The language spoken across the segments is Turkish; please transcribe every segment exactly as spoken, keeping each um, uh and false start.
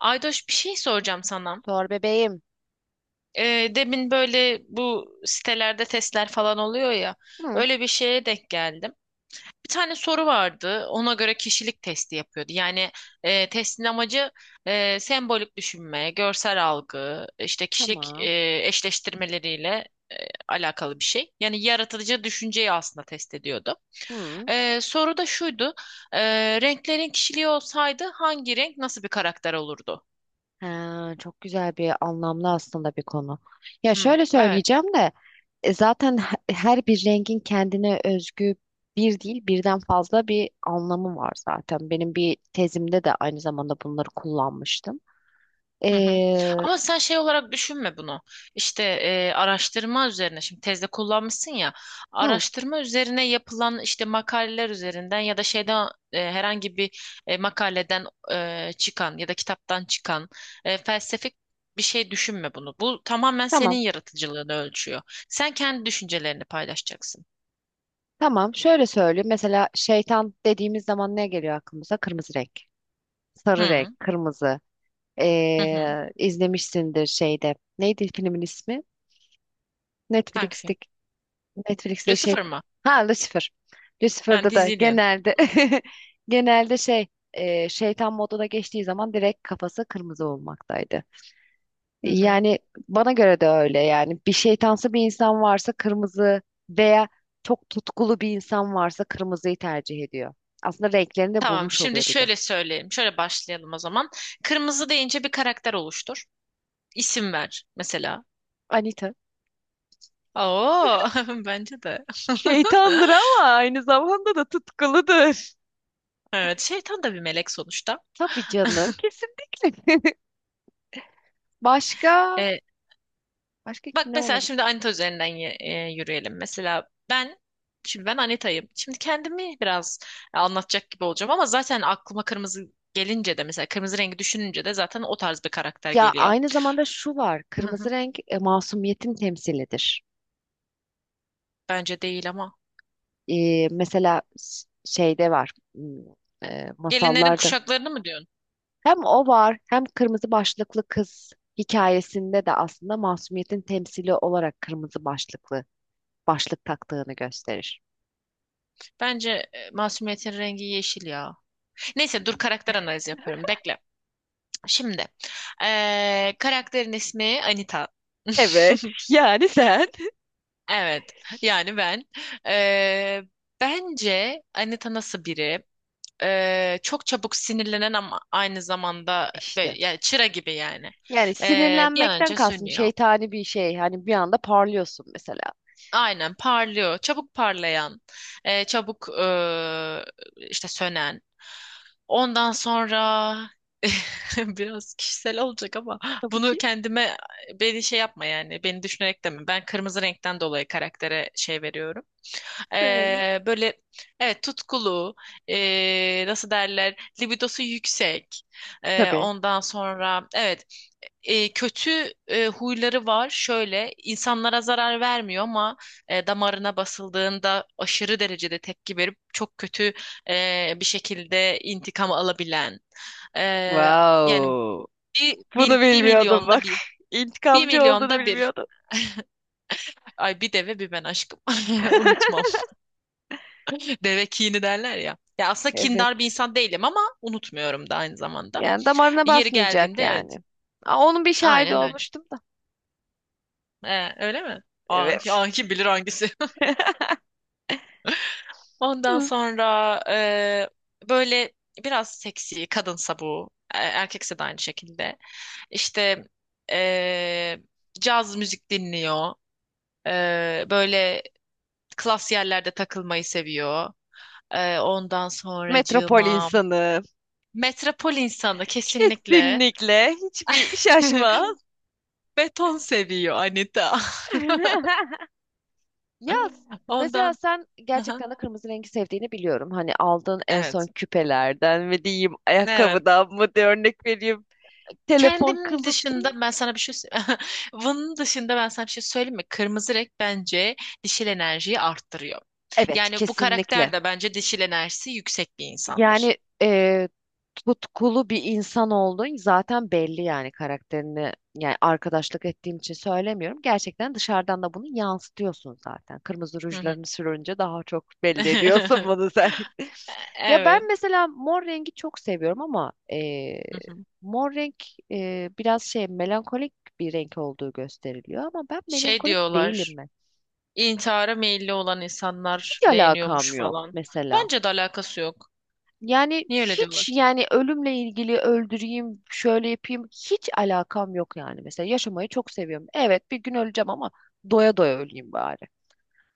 Aydoş bir şey soracağım sana. Sor bebeğim. Ee, demin böyle bu sitelerde testler falan oluyor ya. Hı, Öyle bir şeye denk geldim. Bir tane soru vardı. Ona göre kişilik testi yapıyordu. Yani e, testin amacı e, sembolik düşünme, görsel algı, işte kişilik tamam. e, eşleştirmeleriyle e, alakalı bir şey. Yani yaratıcı düşünceyi aslında test ediyordu. Hı. Ee, soru da şuydu. Ee, renklerin kişiliği olsaydı hangi renk nasıl bir karakter olurdu? Ha, çok güzel bir anlamlı aslında bir konu. Ya Hmm, şöyle evet. söyleyeceğim de e, zaten he- her bir rengin kendine özgü bir değil birden fazla bir anlamı var zaten. Benim bir tezimde de aynı zamanda bunları kullanmıştım. Hı hı. Ee, Ama sen şey olarak düşünme bunu. İşte e, araştırma üzerine şimdi tezde kullanmışsın ya, hı, araştırma üzerine yapılan işte makaleler üzerinden ya da şeyden e, herhangi bir e, makaleden e, çıkan ya da kitaptan çıkan e, felsefik bir şey düşünme bunu. Bu tamamen senin tamam. yaratıcılığını ölçüyor. Sen kendi düşüncelerini paylaşacaksın. Tamam. Şöyle söyleyeyim. Mesela şeytan dediğimiz zaman ne geliyor aklımıza? Kırmızı renk. Sarı Hı renk, kırmızı. hı. Hı. Ee, izlemişsindir şeyde. Neydi filmin ismi? Hangi Netflix'te film? Netflix'te şey, Lucifer mı? ha, Lucifer. Ha, Lucifer'da da dizi diyorsun. genelde genelde şey, e, şeytan moduna geçtiği zaman direkt kafası kırmızı olmaktaydı. Hı hı. Yani bana göre de öyle yani bir şeytansı bir insan varsa kırmızı veya çok tutkulu bir insan varsa kırmızıyı tercih ediyor. Aslında renklerini de Tamam, bulmuş şimdi oluyor bir de. şöyle söyleyelim. Şöyle başlayalım o zaman. Kırmızı deyince bir karakter oluştur. İsim ver mesela. Anita. Oo, bence de. Şeytandır ama aynı zamanda da tutkuludur. Evet, şeytan da bir melek sonuçta. Tabii canım kesinlikle. Başka Ee, başka Bak ne mesela olabilir? şimdi Anita üzerinden y- e, yürüyelim. Mesela ben, şimdi ben Anita'yım. Şimdi kendimi biraz anlatacak gibi olacağım ama zaten aklıma kırmızı gelince de mesela kırmızı rengi düşününce de zaten o tarz bir karakter Ya geliyor. aynı zamanda şu var. Hı Kırmızı hı. renk, e, masumiyetin temsilidir. Bence değil ama. E, mesela s- şeyde var. m, e, Gelinlerin masallarda. kuşaklarını mı diyorsun? Hem o var hem kırmızı başlıklı kız hikayesinde de aslında masumiyetin temsili olarak kırmızı başlıklı başlık taktığını gösterir. Bence e, masumiyetin rengi yeşil ya. Neyse dur karakter analizi yapıyorum. Bekle. Şimdi eee, karakterin ismi Anita. Evet, yani sen. Evet. Yani ben. Eee, bence Anita nasıl biri? Eee, çok çabuk sinirlenen ama aynı zamanda böyle İşte. yani çıra gibi yani. Yani Eee, bir an sinirlenmekten önce kastım sönüyor. şeytani bir şey. Hani bir anda parlıyorsun mesela. Aynen parlıyor. Çabuk parlayan, e, çabuk e, işte sönen. Ondan sonra biraz kişisel olacak ama Tabii bunu ki. kendime, beni şey yapma yani beni düşünerek deme. Ben kırmızı renkten dolayı karaktere şey veriyorum. Söyle. E, böyle evet tutkulu, e, nasıl derler libidosu yüksek. E, Tabii. ondan sonra evet e, kötü e, huyları var. Şöyle insanlara zarar vermiyor ama e, damarına basıldığında aşırı derecede tepki verip çok kötü e, bir şekilde intikam alabilen. E, yani Wow. bir, mil, Bunu bir bilmiyordum milyonda bak. bir. Bir İntikamcı olduğunu milyonda bir. bilmiyordum. Ay bir deve bir ben aşkım. Unutmam. Deve kini derler ya. Ya aslında Evet. kindar bir insan değilim ama unutmuyorum da aynı zamanda. Yani damarına Yeri basmayacak geldiğinde evet. yani. Aa, onun bir şahidi Aynen öyle. olmuştum da. E, öyle mi? Ah, Evet. ah, kim bilir hangisi. Ondan Hı. sonra e, böyle biraz seksi, kadınsa bu, e, erkekse de aynı şekilde. İşte e, caz müzik dinliyor. E, böyle klas yerlerde takılmayı seviyor. E, ondan Metropol sonracığıma insanı. metropol insanı kesinlikle. Kesinlikle. Hiçbir şaşma. Beton seviyor Anita. Ya mesela Ondan. sen gerçekten de kırmızı rengi sevdiğini biliyorum. Hani aldığın en son Evet. küpelerden mi diyeyim, Evet. ayakkabıdan mı diye örnek vereyim. Telefon Kendim kılıf. dışında ben sana bir şey sö- bunun dışında ben sana bir şey söyleyeyim mi? Kırmızı renk bence dişil enerjiyi arttırıyor. Evet, Yani bu kesinlikle. karakter de bence dişil enerjisi yüksek bir insandır. Yani eee, tutkulu bir insan olduğun zaten belli yani karakterini yani arkadaşlık ettiğim için söylemiyorum. Gerçekten dışarıdan da bunu yansıtıyorsun zaten. Kırmızı Hı hı. rujlarını sürünce daha çok belli ediyorsun bunu sen. Ya Evet. ben mesela mor rengi çok seviyorum ama eee, Hı hı. mor renk eee, biraz şey melankolik bir renk olduğu gösteriliyor ama ben Şey melankolik diyorlar. değilim ben. İntihara meyilli olan Hiç insanlar alakam beğeniyormuş yok falan. mesela. Bence de alakası yok. Yani Niye öyle diyorlar hiç ki? yani ölümle ilgili öldüreyim, şöyle yapayım hiç alakam yok yani. Mesela yaşamayı çok seviyorum. Evet bir gün öleceğim ama doya doya öleyim bari.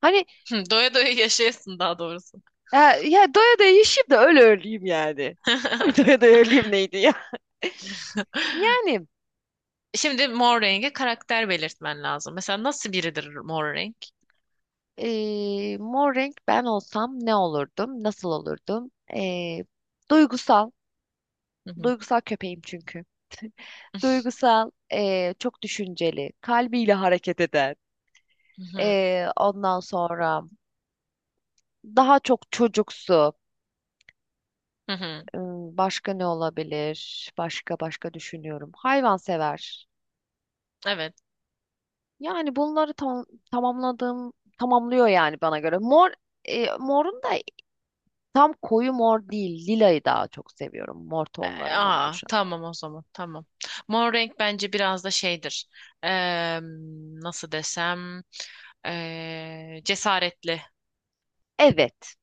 Hani Doya doya yaşayasın daha doğrusu. e, ya doya doya yaşayayım da öyle öleyim yani. Doya doya öleyim neydi ya? Yani Şimdi mor rengi karakter belirtmen lazım. Mesela nasıl biridir mor renk? e, mor renk ben olsam ne olurdum? Nasıl olurdum? E, duygusal. Duygusal köpeğim çünkü. Duygusal, e, çok düşünceli, kalbiyle hareket eden. Hı hı. Ee, ondan sonra daha çok çocuksu. Hı hı. Im, Başka ne olabilir? Başka başka düşünüyorum. Hayvansever. Evet. Yani bunları tam, tamamladığım tamamlıyor yani bana göre. Mor, e, morun da tam koyu mor değil. Lilayı daha çok seviyorum. Mor E, tonlarından Aa, oluşan. tamam o zaman. Tamam. Mor renk bence biraz da şeydir. Eee, nasıl desem eee, cesaretli, Evet.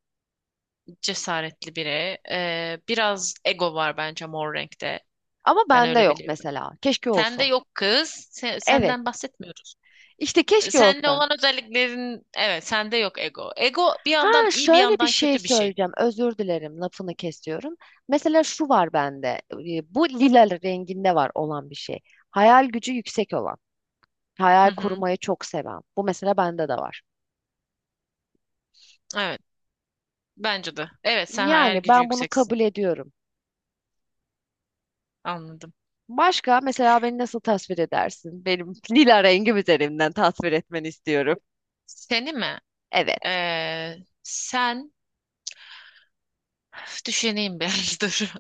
cesaretli biri. Eee, biraz ego var bence mor renkte. Ama Ben bende öyle yok biliyorum. mesela. Keşke Sende olsa. yok kız. Se- Evet. senden bahsetmiyoruz. İşte keşke Sende olsa. olan özelliklerin evet sende yok ego. Ego bir Ha yandan iyi bir şöyle bir yandan şey kötü bir şey. söyleyeceğim. Özür dilerim lafını kesiyorum. Mesela şu var bende. e, Bu lila renginde var olan bir şey. Hayal gücü yüksek olan. Hı Hayal hı. kurmayı çok seven. Bu mesela bende de var. Evet. Bence de. Evet sen hayal Yani gücü ben bunu yükseksin. kabul ediyorum. Anladım. Başka mesela beni nasıl tasvir edersin? Benim lila rengim üzerinden tasvir etmeni istiyorum. Seni mi? Evet. Ee, sen düşüneyim bir dur.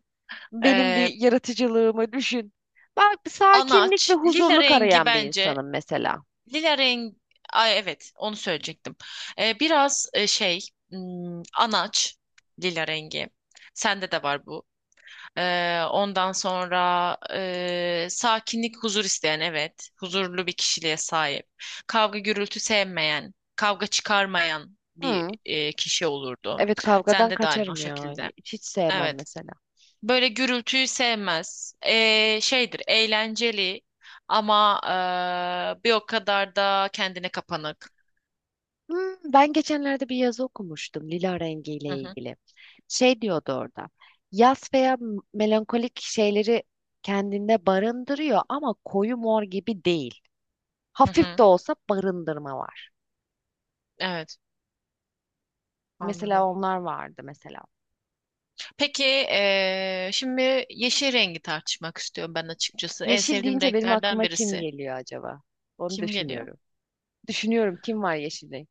Benim bir Ee, yaratıcılığımı düşün. Ben sakinlik ve anaç, lila huzurluk rengi arayan bir bence. insanım mesela. Lila rengi, ay evet onu söyleyecektim. Ee, biraz e, şey hmm, anaç, lila rengi. Sende de var bu. Ee, ondan sonra e, sakinlik, huzur isteyen evet. Huzurlu bir kişiliğe sahip. Kavga gürültü sevmeyen, kavga çıkarmayan bir Hı. e, kişi olurdu. Evet kavgadan Sende de aynı o kaçarım ya. şekilde. Hiç sevmem Evet. mesela. Böyle gürültüyü sevmez. Ee, şeydir, eğlenceli ama ee, bir o kadar da kendine kapanık. Hmm, ben geçenlerde bir yazı okumuştum lila rengiyle Hı hı, ilgili. Şey diyordu orada. Yas veya m- melankolik şeyleri kendinde barındırıyor ama koyu mor gibi değil. hı Hafif de hı. olsa barındırma var. Evet, Mesela anladım. onlar vardı mesela. Peki ee, şimdi yeşil rengi tartışmak istiyorum ben açıkçası. En Yeşil sevdiğim deyince benim renklerden aklıma kim birisi. geliyor acaba? Onu Kim geliyor? düşünüyorum. Düşünüyorum kim var yeşilde?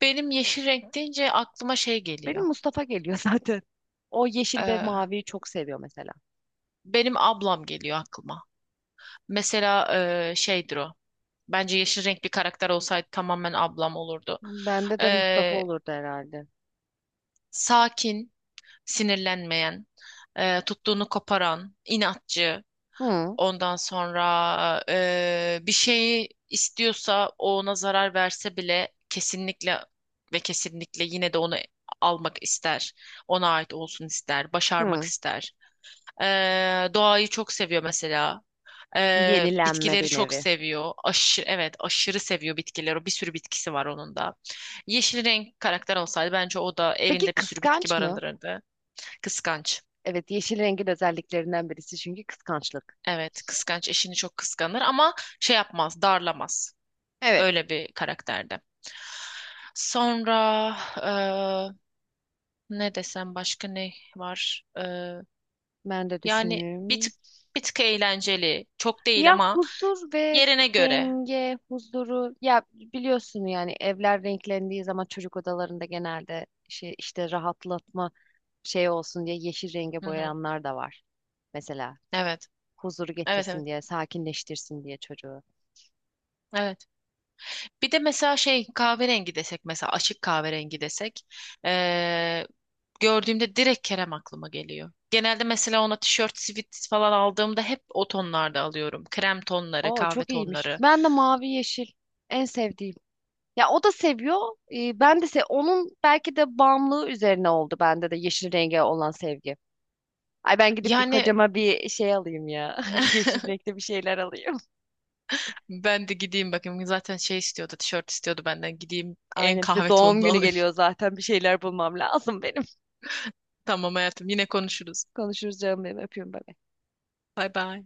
Benim yeşil renk deyince aklıma şey Benim geliyor. Mustafa geliyor zaten. O yeşil ve Ee, maviyi çok seviyor mesela. benim ablam geliyor aklıma. Mesela ee, şeydir o. Bence yeşil renk bir karakter olsaydı tamamen ablam olurdu. Bende de Mustafa Eee olurdu herhalde. sakin, sinirlenmeyen, e, tuttuğunu koparan, inatçı, Hı, ondan sonra e, bir şeyi istiyorsa o ona zarar verse bile kesinlikle ve kesinlikle yine de onu almak ister. Ona ait olsun ister, başarmak hı. ister. E, doğayı çok seviyor mesela. E, Yenilenme bitkileri bir çok nevi. seviyor. Aşırı, evet, aşırı seviyor bitkileri. Bir sürü bitkisi var onun da. Yeşil renk karakter olsaydı bence o da Peki evinde bir sürü bitki kıskanç mı? barındırırdı. Kıskanç. Evet, yeşil rengin özelliklerinden birisi çünkü kıskançlık. Evet, kıskanç. Eşini çok kıskanır ama şey yapmaz, darlamaz. Evet. Öyle bir karakterde. Sonra eee, ne desem başka ne var? Eee, Ben de yani bir düşünüyorum. tık bir tık eğlenceli. Çok değil Ya ama huzur ve yerine göre. denge, huzuru. Ya biliyorsun yani evler renklendiği zaman çocuk odalarında genelde şey işte rahatlatma şey olsun diye yeşil renge Hı hı. boyayanlar da var. Mesela Evet. huzuru Evet, getirsin evet. diye, sakinleştirsin diye çocuğu. Evet. Bir de mesela şey kahverengi desek, mesela açık kahverengi desek eee, gördüğümde direkt Kerem aklıma geliyor. Genelde mesela ona tişört, sivit falan aldığımda hep o tonlarda alıyorum. Krem tonları, Oo kahve çok iyiymiş. tonları. Ben de mavi yeşil en sevdiğim. Ya o da seviyor. E, ben de se onun belki de bağımlılığı üzerine oldu bende de yeşil renge olan sevgi. Ay ben gidip bir Yani kocama bir şey alayım ya. Yeşil renkte bir şeyler alayım. ben de gideyim bakayım, zaten şey istiyordu, tişört istiyordu benden, gideyim en Aynen bir de kahve doğum tonunu günü alayım. geliyor zaten bir şeyler bulmam lazım benim. Tamam hayatım, yine konuşuruz. Konuşuruz canım benim öpüyorum ben. Bay bay.